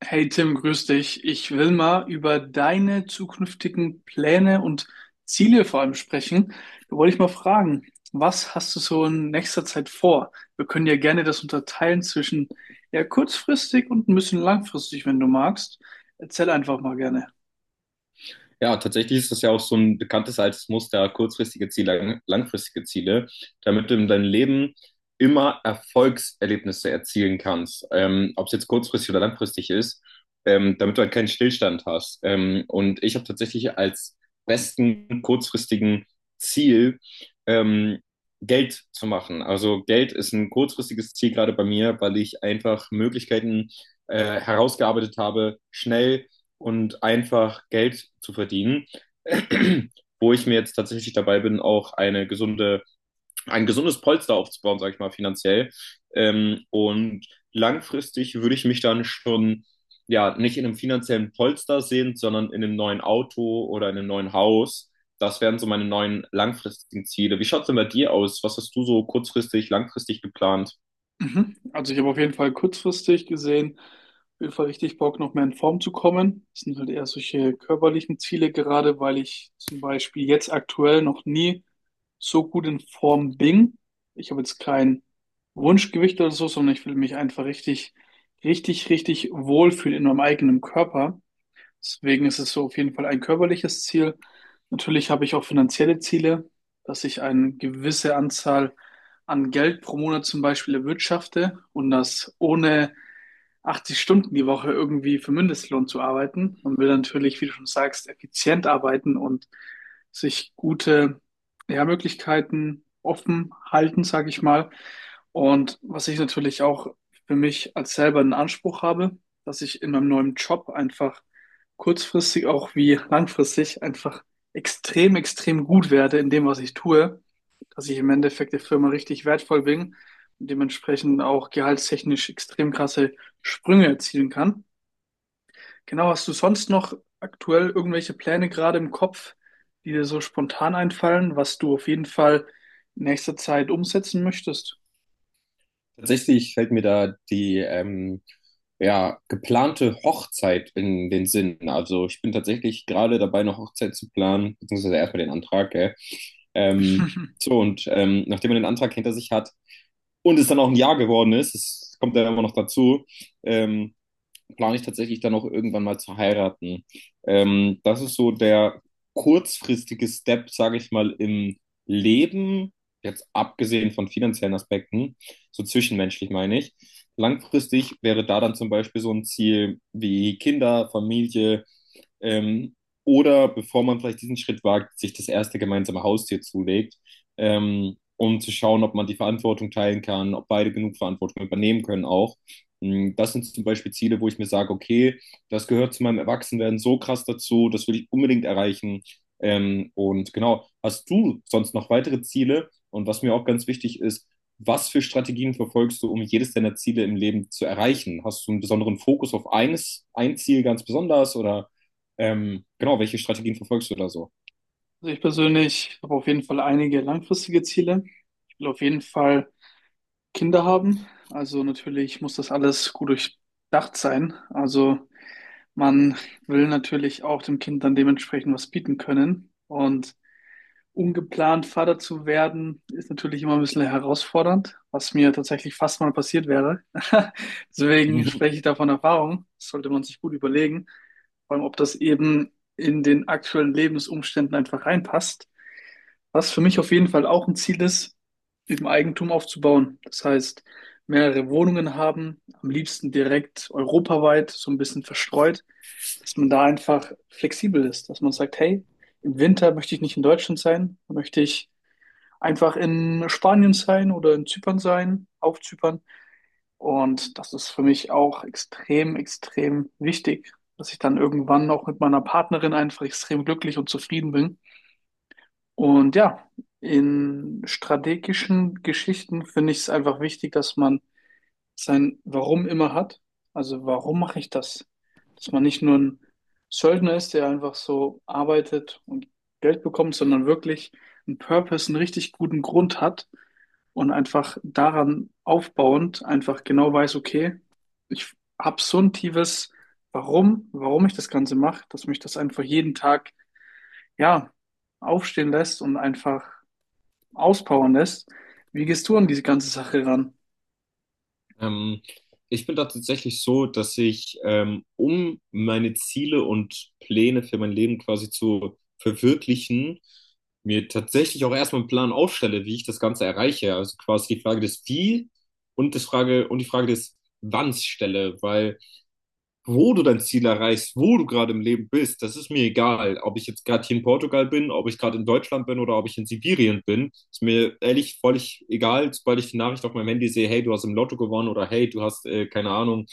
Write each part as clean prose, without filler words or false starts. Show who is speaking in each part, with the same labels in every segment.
Speaker 1: Hey Tim, grüß dich. Ich will mal über deine zukünftigen Pläne und Ziele vor allem sprechen. Da wollte ich mal fragen, was hast du so in nächster Zeit vor? Wir können ja gerne das unterteilen zwischen ja kurzfristig und ein bisschen langfristig, wenn du magst. Erzähl einfach mal gerne.
Speaker 2: Ja, tatsächlich ist das ja auch so ein bekanntes altes Muster, kurzfristige Ziele, langfristige Ziele, damit du in deinem Leben immer Erfolgserlebnisse erzielen kannst, ob es jetzt kurzfristig oder langfristig ist, damit du halt keinen Stillstand hast. Und ich habe tatsächlich als besten kurzfristigen Ziel, ähm, Geld zu machen. Also Geld ist ein kurzfristiges Ziel gerade bei mir, weil ich einfach Möglichkeiten herausgearbeitet habe, schnell und einfach Geld zu verdienen, wo ich mir jetzt tatsächlich dabei bin, auch eine gesunde, ein gesundes Polster aufzubauen, sage ich mal, finanziell. Und langfristig würde ich mich dann schon ja nicht in einem finanziellen Polster sehen, sondern in einem neuen Auto oder in einem neuen Haus. Das wären so meine neuen langfristigen Ziele. Wie schaut's denn bei dir aus? Was hast du so kurzfristig, langfristig geplant?
Speaker 1: Mhm. Also ich habe auf jeden Fall kurzfristig gesehen, auf jeden Fall richtig Bock, noch mehr in Form zu kommen. Das sind halt eher solche körperlichen Ziele, gerade weil ich zum Beispiel jetzt aktuell noch nie so gut in Form bin. Ich habe jetzt kein Wunschgewicht oder so, sondern ich will mich einfach richtig wohlfühlen in meinem eigenen Körper. Deswegen ist es so auf jeden Fall ein körperliches Ziel. Natürlich habe ich auch finanzielle Ziele, dass ich eine gewisse Anzahl an Geld pro Monat zum Beispiel erwirtschafte und das ohne 80 Stunden die Woche irgendwie für Mindestlohn zu arbeiten und will natürlich, wie du schon sagst, effizient arbeiten und sich gute, ja, Möglichkeiten offen halten, sage ich mal. Und was ich natürlich auch für mich als selber einen Anspruch habe, dass ich in meinem neuen Job einfach kurzfristig auch wie langfristig einfach extrem gut werde in dem, was ich tue, dass ich im Endeffekt der Firma richtig wertvoll bin und dementsprechend auch gehaltstechnisch extrem krasse Sprünge erzielen kann. Genau, hast du sonst noch aktuell irgendwelche Pläne gerade im Kopf, die dir so spontan einfallen, was du auf jeden Fall in nächster Zeit umsetzen möchtest?
Speaker 2: Tatsächlich fällt mir da die ja, geplante Hochzeit in den Sinn. Also ich bin tatsächlich gerade dabei, eine Hochzeit zu planen, beziehungsweise erstmal den Antrag, gell? Ähm, so, und nachdem man den Antrag hinter sich hat und es dann auch ein Jahr geworden ist, es kommt dann immer noch dazu, ähm, plane ich tatsächlich dann auch irgendwann mal zu heiraten. Das ist so der kurzfristige Step, sage ich mal, im Leben, jetzt abgesehen von finanziellen Aspekten, so zwischenmenschlich meine ich. Langfristig wäre da dann zum Beispiel so ein Ziel wie Kinder, Familie, ähm, oder bevor man vielleicht diesen Schritt wagt, sich das erste gemeinsame Haustier zulegt, um zu schauen, ob man die Verantwortung teilen kann, ob beide genug Verantwortung übernehmen können auch. Das sind zum Beispiel Ziele, wo ich mir sage, okay, das gehört zu meinem Erwachsenwerden so krass dazu, das will ich unbedingt erreichen. Und genau, hast du sonst noch weitere Ziele? Und was mir auch ganz wichtig ist, was für Strategien verfolgst du, um jedes deiner Ziele im Leben zu erreichen? Hast du einen besonderen Fokus auf eines, ein Ziel ganz besonders oder genau, welche Strategien verfolgst du da so?
Speaker 1: Also ich persönlich habe auf jeden Fall einige langfristige Ziele. Ich will auf jeden Fall Kinder haben. Also natürlich muss das alles gut durchdacht sein. Also man will natürlich auch dem Kind dann dementsprechend was bieten können. Und ungeplant Vater zu werden, ist natürlich immer ein bisschen herausfordernd, was mir tatsächlich fast mal passiert wäre. Deswegen
Speaker 2: Mhm.
Speaker 1: spreche ich da von Erfahrung. Das sollte man sich gut überlegen, vor allem ob das eben in den aktuellen Lebensumständen einfach reinpasst. Was für mich auf jeden Fall auch ein Ziel ist, eben Eigentum aufzubauen. Das heißt, mehrere Wohnungen haben, am liebsten direkt europaweit, so ein bisschen verstreut, dass man da einfach flexibel ist, dass man sagt, hey, im Winter möchte ich nicht in Deutschland sein, möchte ich einfach in Spanien sein oder in Zypern sein, auf Zypern. Und das ist für mich auch extrem wichtig, dass ich dann irgendwann auch mit meiner Partnerin einfach extrem glücklich und zufrieden bin und ja, in strategischen Geschichten finde ich es einfach wichtig, dass man sein Warum immer hat. Also warum mache ich das? Dass man nicht nur ein Söldner ist, der einfach so arbeitet und Geld bekommt, sondern wirklich einen Purpose, einen richtig guten Grund hat und einfach daran aufbauend einfach genau weiß, okay, ich habe so ein tiefes Warum, warum ich das Ganze mache, dass mich das einfach jeden Tag, ja, aufstehen lässt und einfach auspowern lässt. Wie gehst du an diese ganze Sache ran?
Speaker 2: Ähm, Ich bin da tatsächlich so, dass ich, um meine Ziele und Pläne für mein Leben quasi zu verwirklichen, mir tatsächlich auch erstmal einen Plan aufstelle, wie ich das Ganze erreiche. Also quasi die Frage des Wie und das Frage und die Frage des Wanns stelle, weil wo du dein Ziel erreichst, wo du gerade im Leben bist, das ist mir egal. Ob ich jetzt gerade hier in Portugal bin, ob ich gerade in Deutschland bin oder ob ich in Sibirien bin, ist mir ehrlich völlig egal, sobald ich die Nachricht auf meinem Handy sehe, hey, du hast im Lotto gewonnen oder hey, du hast, keine Ahnung,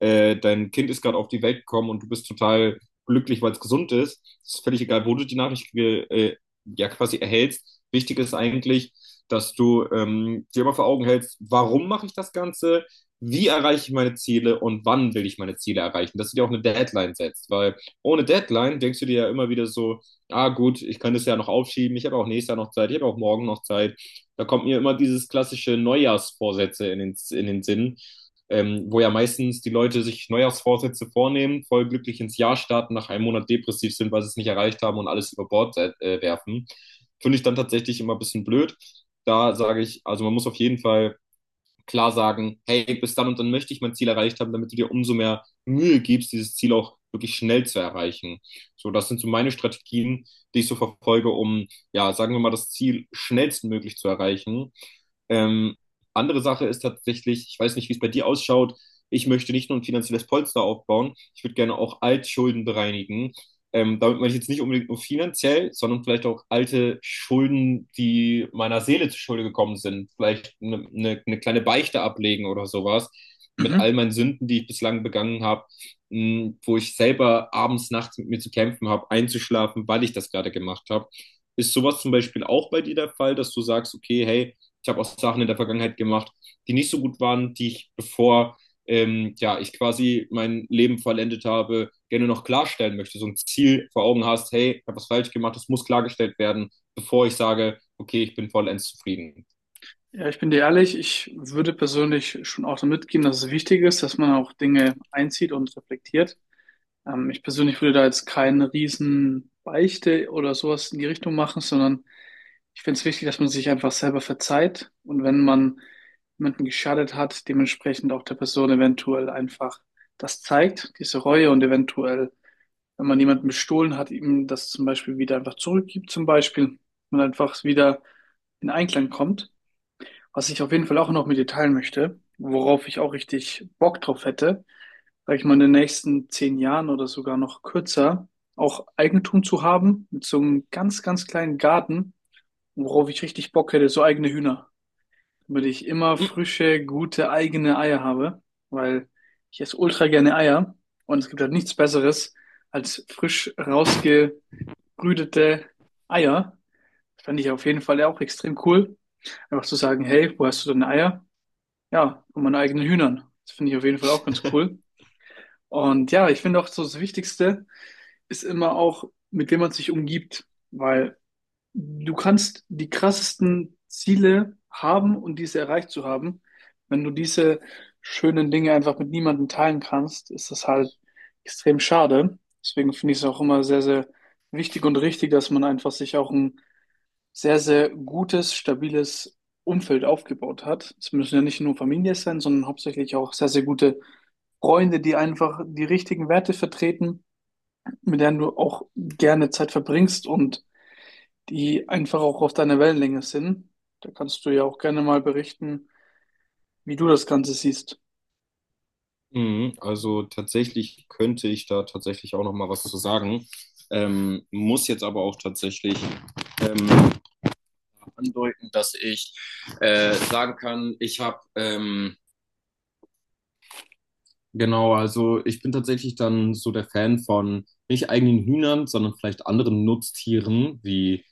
Speaker 2: dein Kind ist gerade auf die Welt gekommen und du bist total glücklich, weil es gesund ist. Es ist völlig egal, wo du die Nachricht ja quasi erhältst. Wichtig ist eigentlich, dass du dir immer vor Augen hältst, warum mache ich das Ganze? Wie erreiche ich meine Ziele und wann will ich meine Ziele erreichen, dass du dir auch eine Deadline setzt, weil ohne Deadline denkst du dir ja immer wieder so, ah gut, ich kann das ja noch aufschieben, ich habe auch nächstes Jahr noch Zeit, ich habe auch morgen noch Zeit. Da kommt mir immer dieses klassische Neujahrsvorsätze in den Sinn, wo ja meistens die Leute sich Neujahrsvorsätze vornehmen, voll glücklich ins Jahr starten, nach einem Monat depressiv sind, weil sie es nicht erreicht haben und alles über Bord werfen. Finde ich dann tatsächlich immer ein bisschen blöd. Da sage ich, also man muss auf jeden Fall klar sagen, hey, bis dann und dann möchte ich mein Ziel erreicht haben, damit du dir umso mehr Mühe gibst, dieses Ziel auch wirklich schnell zu erreichen. So, das sind so meine Strategien, die ich so verfolge, um, ja, sagen wir mal, das Ziel schnellstmöglich zu erreichen. Ähm, andere Sache ist tatsächlich, ich weiß nicht, wie es bei dir ausschaut, ich möchte nicht nur ein finanzielles Polster aufbauen, ich würde gerne auch Altschulden bereinigen. Damit meine ich jetzt nicht unbedingt nur finanziell, sondern vielleicht auch alte Schulden, die meiner Seele zu Schulde gekommen sind. Vielleicht eine kleine Beichte ablegen oder sowas mit all
Speaker 1: Mhm.
Speaker 2: meinen Sünden, die ich bislang begangen habe, mh, wo ich selber abends, nachts mit mir zu kämpfen habe, einzuschlafen, weil ich das gerade gemacht habe. Ist sowas zum Beispiel auch bei dir der Fall, dass du sagst, okay, hey, ich habe auch Sachen in der Vergangenheit gemacht, die nicht so gut waren, die ich, bevor ja, ich quasi mein Leben vollendet habe, gerne noch klarstellen möchte, so ein Ziel vor Augen hast, hey, ich habe was falsch gemacht, das muss klargestellt werden, bevor ich sage, okay, ich bin vollends zufrieden.
Speaker 1: Ja, ich bin dir ehrlich, ich würde persönlich schon auch damit gehen, dass es wichtig ist, dass man auch Dinge einzieht und reflektiert. Ich persönlich würde da jetzt keine riesen Beichte oder sowas in die Richtung machen, sondern ich finde es wichtig, dass man sich einfach selber verzeiht und wenn man jemanden geschadet hat, dementsprechend auch der Person eventuell einfach das zeigt, diese Reue und eventuell wenn man jemanden bestohlen hat, ihm das zum Beispiel wieder einfach zurückgibt, zum Beispiel, und einfach wieder in Einklang kommt. Was ich auf jeden Fall auch noch mit dir teilen möchte, worauf ich auch richtig Bock drauf hätte, sag ich mal, in den nächsten 10 Jahren oder sogar noch kürzer, auch Eigentum zu haben, mit so einem ganz kleinen Garten, worauf ich richtig Bock hätte, so eigene Hühner, damit ich immer frische, gute, eigene Eier habe, weil ich esse ultra gerne Eier und es gibt halt nichts Besseres als frisch rausge brütete Eier. Das fand ich auf jeden Fall auch extrem cool. Einfach zu sagen, hey, wo hast du deine Eier? Ja, von meinen eigenen Hühnern. Das finde ich auf jeden Fall auch ganz cool. Und ja, ich finde auch so das Wichtigste ist immer auch, mit wem man sich umgibt, weil du kannst die krassesten Ziele haben und diese erreicht zu haben. Wenn du diese schönen Dinge einfach mit niemandem teilen kannst, ist das halt extrem schade. Deswegen finde ich es auch immer sehr wichtig und richtig, dass man einfach sich auch ein sehr gutes, stabiles Umfeld aufgebaut hat. Es müssen ja nicht nur Familie sein, sondern hauptsächlich auch sehr gute Freunde, die einfach die richtigen Werte vertreten, mit denen du auch gerne Zeit verbringst und die einfach auch auf deiner Wellenlänge sind. Da kannst du ja auch gerne mal berichten, wie du das Ganze siehst.
Speaker 2: Mhm, also tatsächlich könnte ich da tatsächlich auch noch mal was zu sagen. Muss jetzt aber auch tatsächlich ähm, andeuten, dass ich sagen kann, ich habe genau, also ich bin tatsächlich dann so der Fan von nicht eigenen Hühnern, sondern vielleicht anderen Nutztieren wie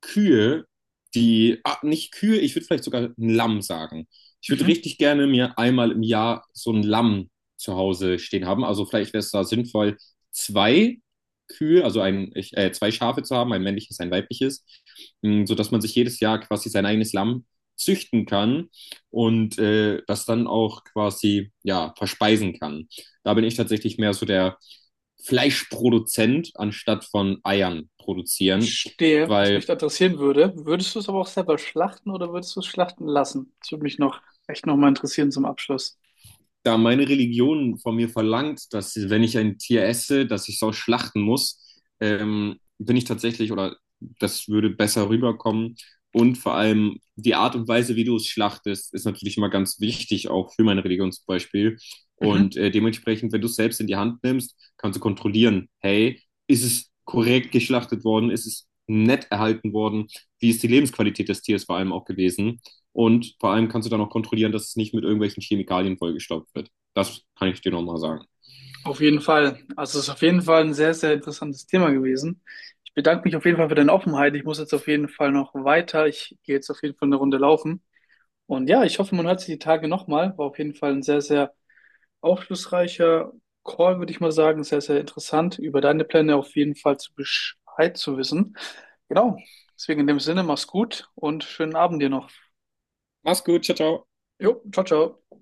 Speaker 2: Kühe, die, ah, nicht Kühe, ich würde vielleicht sogar ein Lamm sagen. Ich würde
Speaker 1: Mhm.
Speaker 2: richtig gerne mir einmal im Jahr so ein Lamm zu Hause stehen haben. Also vielleicht wäre es da sinnvoll, zwei Kühe, also zwei Schafe zu haben, ein männliches, ein weibliches, mh, sodass man sich jedes Jahr quasi sein eigenes Lamm züchten kann und das dann auch quasi, ja, verspeisen kann. Da bin ich tatsächlich mehr so der Fleischproduzent anstatt von Eiern produzieren,
Speaker 1: Verstehe, was mich
Speaker 2: weil
Speaker 1: da interessieren würde. Würdest du es aber auch selber schlachten oder würdest du es schlachten lassen? Das würde mich noch echt nochmal interessieren zum Abschluss.
Speaker 2: da meine Religion von mir verlangt, dass wenn ich ein Tier esse, dass ich es auch schlachten muss, bin ich tatsächlich, oder das würde besser rüberkommen. Und vor allem die Art und Weise, wie du es schlachtest, ist natürlich immer ganz wichtig, auch für meine Religion zum Beispiel. Und
Speaker 1: Mhm.
Speaker 2: dementsprechend, wenn du es selbst in die Hand nimmst, kannst du kontrollieren, hey, ist es korrekt geschlachtet worden, ist es nett erhalten worden, wie ist die Lebensqualität des Tieres vor allem auch gewesen. Und vor allem kannst du dann auch kontrollieren, dass es nicht mit irgendwelchen Chemikalien vollgestopft wird. Das kann ich dir nochmal sagen.
Speaker 1: Auf jeden Fall. Also es ist auf jeden Fall ein sehr interessantes Thema gewesen. Ich bedanke mich auf jeden Fall für deine Offenheit. Ich muss jetzt auf jeden Fall noch weiter. Ich gehe jetzt auf jeden Fall eine Runde laufen. Und ja, ich hoffe, man hört sich die Tage nochmal. War auf jeden Fall ein sehr aufschlussreicher Call, würde ich mal sagen. Sehr interessant, über deine Pläne auf jeden Fall zu Bescheid zu wissen. Genau. Deswegen in dem Sinne, mach's gut und schönen Abend dir noch.
Speaker 2: Mach's gut, ciao, ciao.
Speaker 1: Jo, ciao, ciao.